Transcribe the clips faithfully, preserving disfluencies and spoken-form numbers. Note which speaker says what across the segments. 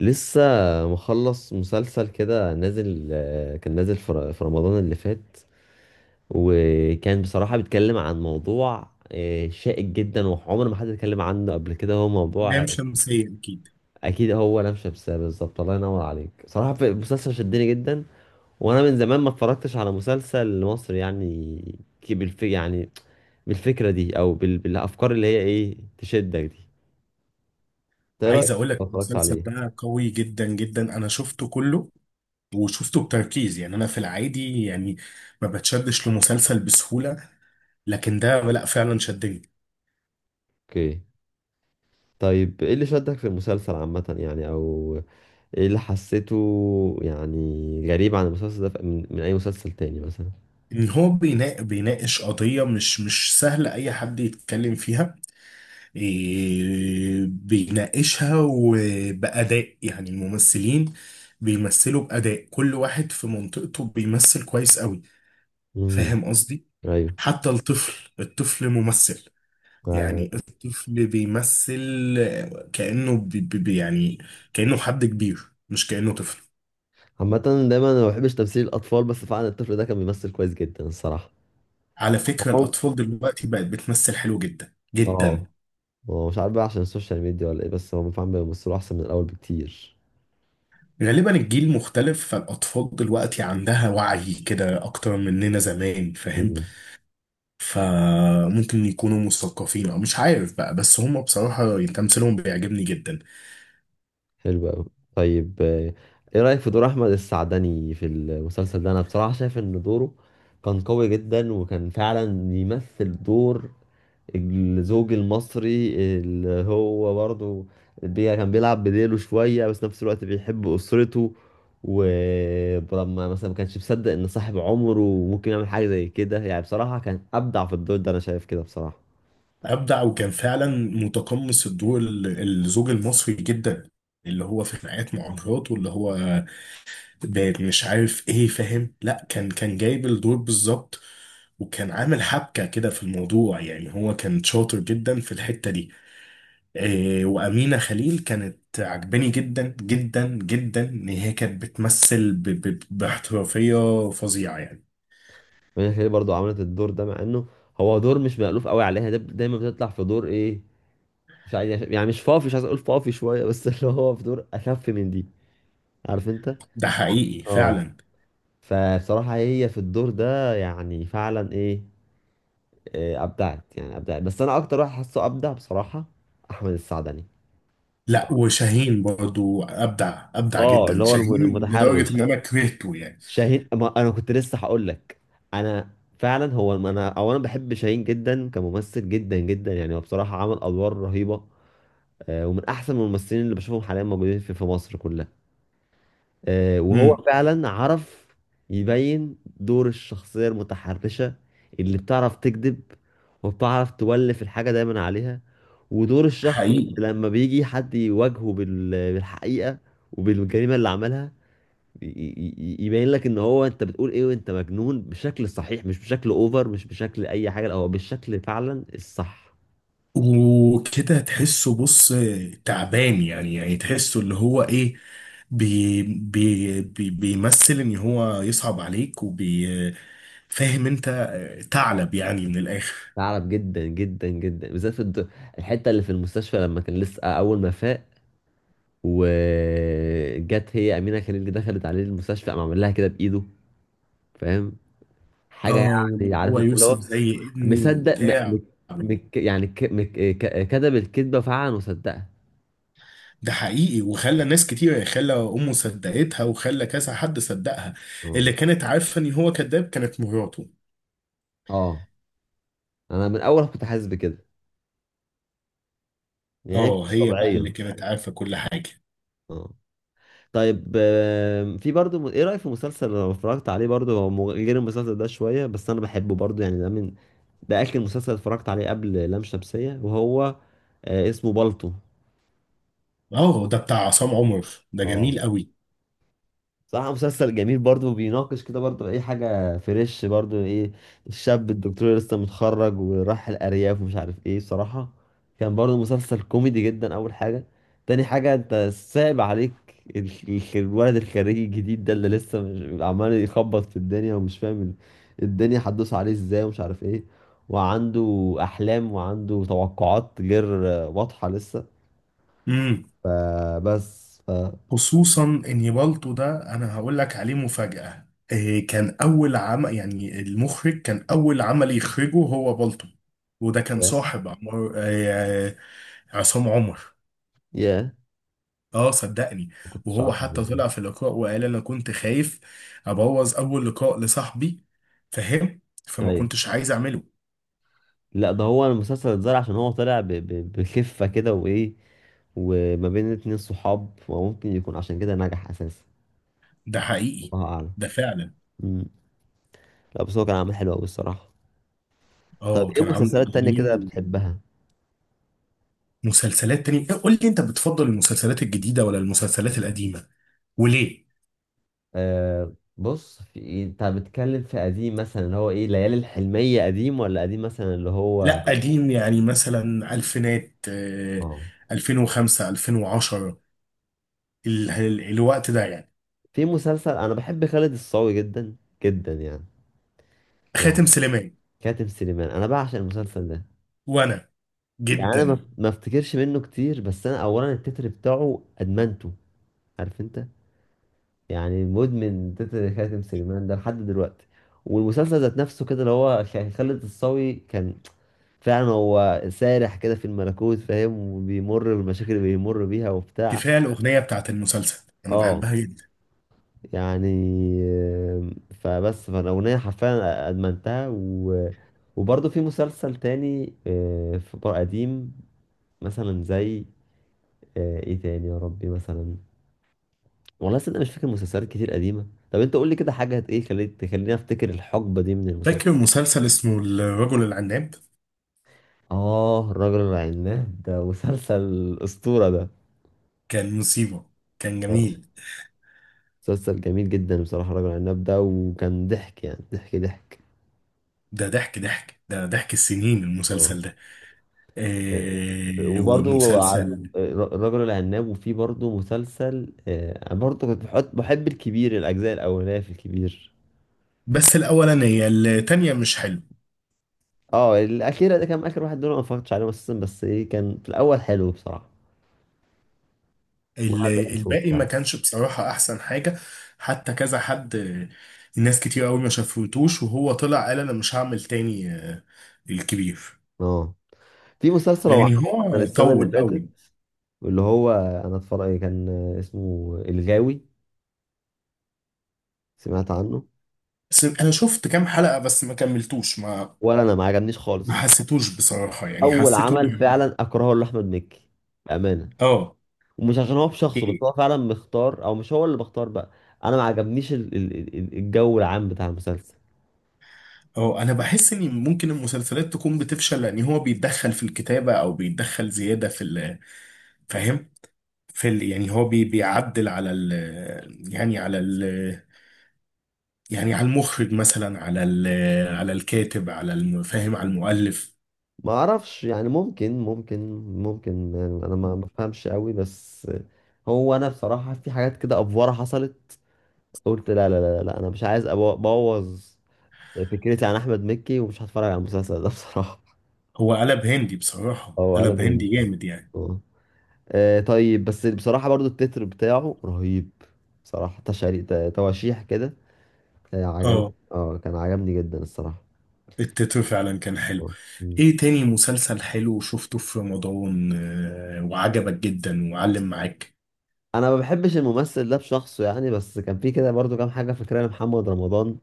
Speaker 1: لسه مخلص مسلسل كده نازل، آه، كان نازل في ر- في رمضان اللي فات. وكان بصراحة بيتكلم عن موضوع آه، شائك جدا وعمر ما حد اتكلم عنه قبل كده. هو موضوع
Speaker 2: لام شمسية أكيد.
Speaker 1: اكيد هو لام شمسية بالظبط. الله ينور عليك. صراحة في مسلسل شدني جدا، وانا من زمان ما اتفرجتش على مسلسل مصري، يعني ك- بالف يعني بالفكرة دي او بال... بالافكار اللي هي ايه تشدك دي. انت ايه رأيك
Speaker 2: عايز أقول لك
Speaker 1: لو اتفرجت
Speaker 2: المسلسل
Speaker 1: عليه؟
Speaker 2: ده قوي جدا جدا، أنا شفته كله وشفته بتركيز. يعني أنا في العادي، يعني ما بتشدش لمسلسل بسهولة، لكن ده لا فعلا شدني.
Speaker 1: اوكي. طيب ايه اللي شدك في المسلسل عامة يعني، او ايه اللي حسيته يعني غريب عن المسلسل ده ف- من, من اي مسلسل تاني مثلا؟
Speaker 2: إن هو بينا- بيناقش قضية مش مش سهل أي حد يتكلم فيها. إيه بيناقشها وبأداء، يعني الممثلين بيمثلوا بأداء، كل واحد في منطقته بيمثل كويس قوي.
Speaker 1: امم.
Speaker 2: فاهم قصدي؟
Speaker 1: ايوه.
Speaker 2: حتى الطفل الطفل ممثل. يعني
Speaker 1: آه.
Speaker 2: الطفل بيمثل كأنه بي بي بي- يعني كأنه حد كبير، مش كأنه طفل.
Speaker 1: عامة دايما انا ما بحبش تمثيل الاطفال، بس فعلا الطفل ده كان بيمثل كويس جدا الصراحة.
Speaker 2: على فكرة
Speaker 1: هم.
Speaker 2: الأطفال دلوقتي بقت بتمثل حلو جدا جدا.
Speaker 1: اه، هو مش عارف بقى عشان السوشيال ميديا ولا ايه، بس هم فعلا بيمثلوا احسن من الاول بكتير.
Speaker 2: غالبا الجيل مختلف، فالأطفال دلوقتي عندها وعي كده أكتر مننا زمان، فاهم؟
Speaker 1: امم.
Speaker 2: فممكن يكونوا مثقفين أو مش عارف بقى، بس هم بصراحة تمثيلهم بيعجبني جدا.
Speaker 1: حلو قوي. طيب، آه، ايه رأيك في دور احمد السعدني في المسلسل ده؟ انا بصراحة شايف ان دوره كان قوي جدا، وكان فعلا بيمثل دور الزوج المصري اللي هو برضه بي- كان بيلعب بديله شوية، بس نفس الوقت بيحب أسرته. ولما مثلا ما كانش مصدق إن صاحب عمره ممكن يعمل حاجة زي كده، يعني بصراحة كان أبدع في الدور ده، أنا شايف كده بصراحة.
Speaker 2: أبدع، وكان فعلا متقمص الدور، ال- الزوج المصري جدا، اللي هو في خناقات مع مراته، اللي هو بال- مش عارف ايه، فاهم؟ لا كان كان جايب الدور بالظبط، وكان عامل حبكة كده في الموضوع، يعني هو كان شاطر جدا في الحتة دي. إيه وأمينة خليل كانت عجباني جدا جدا جدا، إن هي كانت بتمثل ب ب باحترافية فظيعة يعني.
Speaker 1: وهي خليل برضه عملت الدور ده مع إنه هو دور مش مألوف قوي عليها. ده دايما بتطلع في دور إيه، مش عايز يعني مش فافي، مش عايز أقول فافي شوية بس اللي هو في دور أخف من دي. عارف أنت؟
Speaker 2: ده حقيقي
Speaker 1: اه.
Speaker 2: فعلا.
Speaker 1: فبصراحة هي في الدور ده يعني فعلا ايه، آه، ابدعت يعني ابدعت. بس انا اكتر واحد حاسه ابدع بصراحه احمد السعدني.
Speaker 2: لا
Speaker 1: بصراحة.
Speaker 2: وشاهين برضو أبدع، أبدع
Speaker 1: اه،
Speaker 2: جدا
Speaker 1: اللي هو الم-
Speaker 2: شاهين، لدرجة إن
Speaker 1: المتحرش
Speaker 2: أنا كرهته يعني.
Speaker 1: شاهين. ما انا كنت لسه هقول لك انا. فعلا هو، ما انا او انا بحب شاهين جدا كممثل، جدا جدا يعني. هو بصراحه عمل ادوار رهيبه، آه، ومن احسن الممثلين اللي بشوفهم حاليا موجودين في في مصر كلها. آه، وهو
Speaker 2: امم
Speaker 1: فعلا عرف يبين دور الشخصية المتحرشة اللي بتعرف تكذب وبتعرف تولف الحاجة دايما عليها. ودور الشخص
Speaker 2: حقيقي،
Speaker 1: لما بيجي حد يواجهه بال- بالحقيقة وبالجريمة اللي عملها، ي- ي- يبين لك ان هو، انت بتقول ايه وانت مجنون، بشكل صحيح، مش بشكل اوفر، مش بشكل اي حاجة، لا هو بالشكل فعلا الصح.
Speaker 2: وكده تحسه، بص، تعبان يعني، يعني تحسه اللي هو ايه، بي بي بي بيمثل ان هو يصعب عليك، وبي، فاهم انت؟ ثعلب يعني من الاخر.
Speaker 1: تعرف جدا جدا جدا، بالذات في الد- الحتة اللي في المستشفى لما كان لسه اول ما فاق وجت هي امينه خليل دخلت عليه المستشفى، قام عمل لها كده بايده. فاهم حاجه؟
Speaker 2: اه واللي
Speaker 1: يعني عارف
Speaker 2: هو
Speaker 1: انت، اللي
Speaker 2: يوسف
Speaker 1: هو
Speaker 2: زي ابني
Speaker 1: مصدق م...
Speaker 2: وبتاع.
Speaker 1: م... مك... يعني ك... مك... ك... كذب الكذبه فعلا وصدقها.
Speaker 2: ده حقيقي، وخلى ناس كتير، خلى امه صدقتها، وخلى كذا حد صدقها.
Speaker 1: اه.
Speaker 2: اللي كانت عارفه ان هو كذاب كانت مراته.
Speaker 1: اه، انا من اول كنت حاسس بكده، يعني هي كانت
Speaker 2: اه
Speaker 1: مش
Speaker 2: هي بقى
Speaker 1: طبيعيه.
Speaker 2: اللي كانت عارفه كل حاجه.
Speaker 1: اه. طيب آم، في برضو م- ايه رايك في مسلسل انا اتفرجت عليه برضو؟ هو مغ- غير المسلسل ده شويه، بس انا بحبه برضو يعني. ده من، ده اخر مسلسل اتفرجت عليه قبل لام شمسية، وهو آه، اسمه بالطو.
Speaker 2: اه ده بتاع عصام عمر، ده
Speaker 1: اه.
Speaker 2: جميل قوي.
Speaker 1: صراحة مسلسل جميل برضو، بيناقش كده برضو اي حاجة فريش برضو. ايه، الشاب الدكتور اللي لسه متخرج وراح الارياف ومش عارف ايه. صراحة كان برضو مسلسل كوميدي جدا اول حاجة. تاني حاجة، انت صعب عليك ال- ال- الولد الخريج الجديد ده اللي لسه مش- عمال يخبط في الدنيا ومش فاهم ال- الدنيا هتدوس عليه ازاي ومش عارف ايه، وعنده احلام وعنده توقعات غير واضحة لسه.
Speaker 2: امم
Speaker 1: فبس ف.
Speaker 2: خصوصا ان بالطو ده، انا هقول لك عليه مفاجأة، إيه، كان اول عمل، يعني المخرج كان اول عمل يخرجه هو بالطو، وده كان صاحب عمر، إيه، عصام عمر.
Speaker 1: ياه،
Speaker 2: اه صدقني.
Speaker 1: ما كنتش
Speaker 2: وهو
Speaker 1: عارف
Speaker 2: حتى
Speaker 1: الموضوع
Speaker 2: طلع في اللقاء وقال انا كنت خايف ابوظ اول لقاء لصاحبي، فاهم؟
Speaker 1: ده.
Speaker 2: فما
Speaker 1: ايوه.
Speaker 2: كنتش عايز اعمله.
Speaker 1: لا ده هو المسلسل اتزرع عشان هو طلع ب... ب... بخفة كده وايه، وما بين اتنين صحاب، وممكن يكون عشان كده نجح اساسا.
Speaker 2: ده حقيقي.
Speaker 1: الله اعلم.
Speaker 2: ده فعلا.
Speaker 1: مم. لا بس هو كان عامل حلو قوي الصراحة. طب
Speaker 2: اه
Speaker 1: ايه
Speaker 2: كان عامله
Speaker 1: مسلسلات تانية كده
Speaker 2: جميل.
Speaker 1: بتحبها؟
Speaker 2: مسلسلات تاني، قول لي انت بتفضل المسلسلات الجديدة ولا المسلسلات القديمة، وليه؟
Speaker 1: آه، بص، في إيه- انت بتتكلم في قديم مثلا اللي هو ايه ليالي الحلمية قديم، ولا قديم مثلا اللي هو؟
Speaker 2: لا قديم، يعني مثلا ألفينات، آه،
Speaker 1: اه،
Speaker 2: ألفين وخمسة، ألفين وعشرة، ال- ال- الوقت ده يعني.
Speaker 1: في مسلسل، انا بحب خالد الصاوي جدا جدا يعني، يعني
Speaker 2: خاتم سليمان.
Speaker 1: كاتب سليمان انا بعشق المسلسل ده.
Speaker 2: وأنا
Speaker 1: يعني انا ما
Speaker 2: جدا.
Speaker 1: ما افتكرش منه كتير، بس انا اولا التتر بتاعه ادمنته. عارف انت، يعني مدمن تتر خاتم سليمان ده لحد دلوقتي. والمسلسل ذات نفسه كده، اللي هو خ- خالد الصاوي كان فعلا هو سارح كده في الملكوت، فاهم، وبيمر بالمشاكل اللي بيمر بيها وبتاع.
Speaker 2: كفاية الأغنية بتاعت المسلسل أنا
Speaker 1: اه.
Speaker 2: بحبها جدا.
Speaker 1: يعني آم، فبس فالاغنيه حرفيا ادمنتها و... وبرضه في مسلسل تاني آه، في قديم، مثلا زي، آه، ايه تاني يا ربي مثلا؟ والله صدق مش فاكر مسلسلات كتير قديمة. طب انت قول لي كده حاجة هت- ايه خليت تخليني افتكر الحقبة دي من
Speaker 2: فاكر
Speaker 1: المسلسلات.
Speaker 2: مسلسل اسمه الرجل العناب؟
Speaker 1: اه، الرجل العناب، ده مسلسل أسطورة ده.
Speaker 2: كان مصيبة، كان
Speaker 1: اه،
Speaker 2: جميل.
Speaker 1: مسلسل جميل جدا بصراحة الرجل العناب ده، وكان ضحك يعني ضحك ضحك.
Speaker 2: ده ضحك ضحك، ده ضحك السنين
Speaker 1: اه.
Speaker 2: المسلسل ده.
Speaker 1: آه،
Speaker 2: آه
Speaker 1: وبرضو على-
Speaker 2: ومسلسل.
Speaker 1: آه، الرجل العناب. وفي برضو مسلسل، آه، انا برضو كنت بحط بحب الكبير، الأجزاء الأولانية في الكبير.
Speaker 2: بس الأولانية التانية مش حلوة.
Speaker 1: اه، الأخيرة ده كان آخر واحد، دول أنا ما اتفرجتش عليه أساسا، بس ايه كان في الأول حلو بصراحة.
Speaker 2: ال-
Speaker 1: وهذا الصوت
Speaker 2: الباقي ما
Speaker 1: بتاعه.
Speaker 2: كانش بصراحة أحسن حاجة. حتى كذا حد، آه، الناس كتير قوي ما شافوتوش، وهو طلع قال أنا مش هعمل تاني، آه، الكبير،
Speaker 1: اه، في مسلسل هو
Speaker 2: لأن
Speaker 1: عمل
Speaker 2: هو
Speaker 1: السنة اللي
Speaker 2: طول قوي.
Speaker 1: فاتت، اللي هو أنا اتفرج كان اسمه الغاوي، سمعت عنه؟
Speaker 2: بس أنا شفت كام حلقة بس ما كملتوش، ما
Speaker 1: ولا أنا ما عجبنيش خالص
Speaker 2: ما
Speaker 1: الصراحة.
Speaker 2: حسيتوش بصراحة، يعني
Speaker 1: أول
Speaker 2: حسيته
Speaker 1: عمل
Speaker 2: إني-
Speaker 1: فعلا أكرهه لأحمد مكي بأمانة.
Speaker 2: اه
Speaker 1: ومش عشان هو بشخصه، بس
Speaker 2: ايه
Speaker 1: هو فعلا مختار، أو مش هو اللي بختار بقى. أنا ما عجبنيش ال- ال- ال- ال- الجو العام بتاع المسلسل.
Speaker 2: اه انا بحس ان ممكن المسلسلات تكون بتفشل لان هو بيتدخل في الكتابة، او بيتدخل زيادة في ال- فاهم؟ في ال- يعني هو بي بيعدل على ال، يعني على ال، يعني على المخرج مثلا، على ال، على الكاتب، على الم- فاهم، على المؤلف.
Speaker 1: ما أعرفش يعني، ممكن، ممكن، ممكن يعني. أنا ما ما بفهمش قوي، بس هو أنا بصراحة في حاجات كده أفوارة حصلت قلت لا لا لا لا، أنا مش عايز أبو- أبوظ يعني فكرتي عن احمد مكي، ومش هتفرج على المسلسل ده بصراحه.
Speaker 2: هو قلب هندي بصراحة،
Speaker 1: هو
Speaker 2: قلب
Speaker 1: قلب
Speaker 2: هندي
Speaker 1: هندي، اه.
Speaker 2: جامد يعني.
Speaker 1: آه. آه، طيب بس بصراحه برضو التتر بتاعه رهيب بصراحه، تشاري تواشيح كده، آه، عجبني.
Speaker 2: اه
Speaker 1: اه، كان عجبني جدا الصراحه.
Speaker 2: التتر فعلا كان حلو.
Speaker 1: آه. مم.
Speaker 2: ايه تاني مسلسل حلو شفته في رمضان، آه، وعجبك جدا وعلم معاك؟
Speaker 1: انا ما بحبش الممثل ده بشخصه يعني، بس كان في كده برضو كام حاجه فاكرها لمحمد رمضان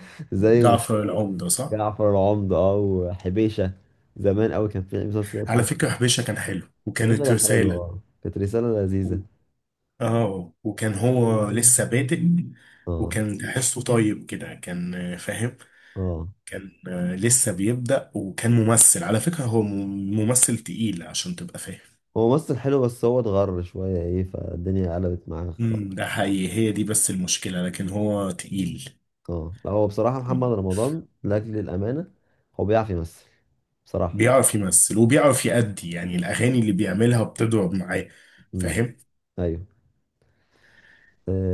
Speaker 1: زي
Speaker 2: جعفر
Speaker 1: مسلسل
Speaker 2: العمدة، صح؟
Speaker 1: جعفر العمدة، اه، وحبيشه. زمان قوي كان في مسلسل كده
Speaker 2: على
Speaker 1: اسمه
Speaker 2: فكرة
Speaker 1: حبيشه.
Speaker 2: حبيشة كان حلو،
Speaker 1: حبيشة
Speaker 2: وكانت
Speaker 1: كان حلو،
Speaker 2: رسالة.
Speaker 1: اه كانت رساله لذيذه.
Speaker 2: و- اه وكان هو لسه بادئ،
Speaker 1: اه.
Speaker 2: وكان تحسه طيب كده، كان، آه، فاهم؟
Speaker 1: اه،
Speaker 2: كان، آه، لسه بيبدأ، وكان ممثل على فكرة، هو م- ممثل تقيل عشان تبقى فاهم.
Speaker 1: هو ممثل حلو، بس هو اتغر شوية ايه، فالدنيا قلبت معاه خالص.
Speaker 2: امم ده حقيقي، هي دي بس المشكلة، لكن هو تقيل.
Speaker 1: اه، لا هو بصراحة
Speaker 2: مم.
Speaker 1: محمد رمضان لأجل الأمانة هو بيعرف يمثل، بصراحة.
Speaker 2: بيعرف يمثل، وبيعرف يأدي، يعني الأغاني اللي بيعملها بتضرب معاه.
Speaker 1: امم.
Speaker 2: فاهم؟
Speaker 1: ايوه.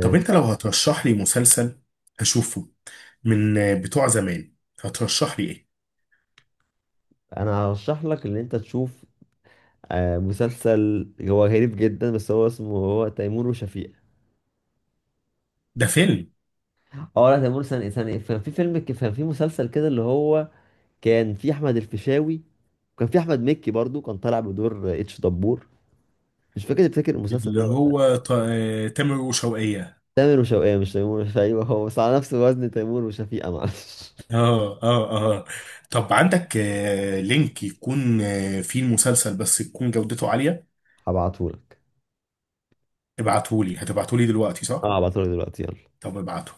Speaker 2: طب أنت لو هترشح لي مسلسل هشوفه من، آه، بتوع زمان، هترشح لي إيه؟
Speaker 1: انا هرشح لك ان انت تشوف آه، مسلسل هو غريب جدا، بس هو اسمه، هو تيمور وشفيقة.
Speaker 2: ده فيلم.
Speaker 1: اه لا تيمور، سنة سنة كان في فيلم، ك- كان في مسلسل كده اللي هو كان في احمد الفيشاوي، وكان في احمد مكي برضو كان طالع بدور اتش دبور. مش فاكر، تفتكر المسلسل
Speaker 2: اللي
Speaker 1: ده؟
Speaker 2: هو ط- آه، تامر وشوقية.
Speaker 1: تامر وشوقية، مش تيمور وشفيقة. ايوه هو، بس على نفس وزن تيمور وشفيقة، معلش.
Speaker 2: اه اه اه. طب عندك، آه، لينك يكون، آه، فيه المسلسل بس تكون جودته عالية؟
Speaker 1: هبعتهولك.
Speaker 2: ابعتهولي، هتبعتهولي دلوقتي، صح؟
Speaker 1: اه هبعتهولك دلوقتي، يلا.
Speaker 2: طب ابعته.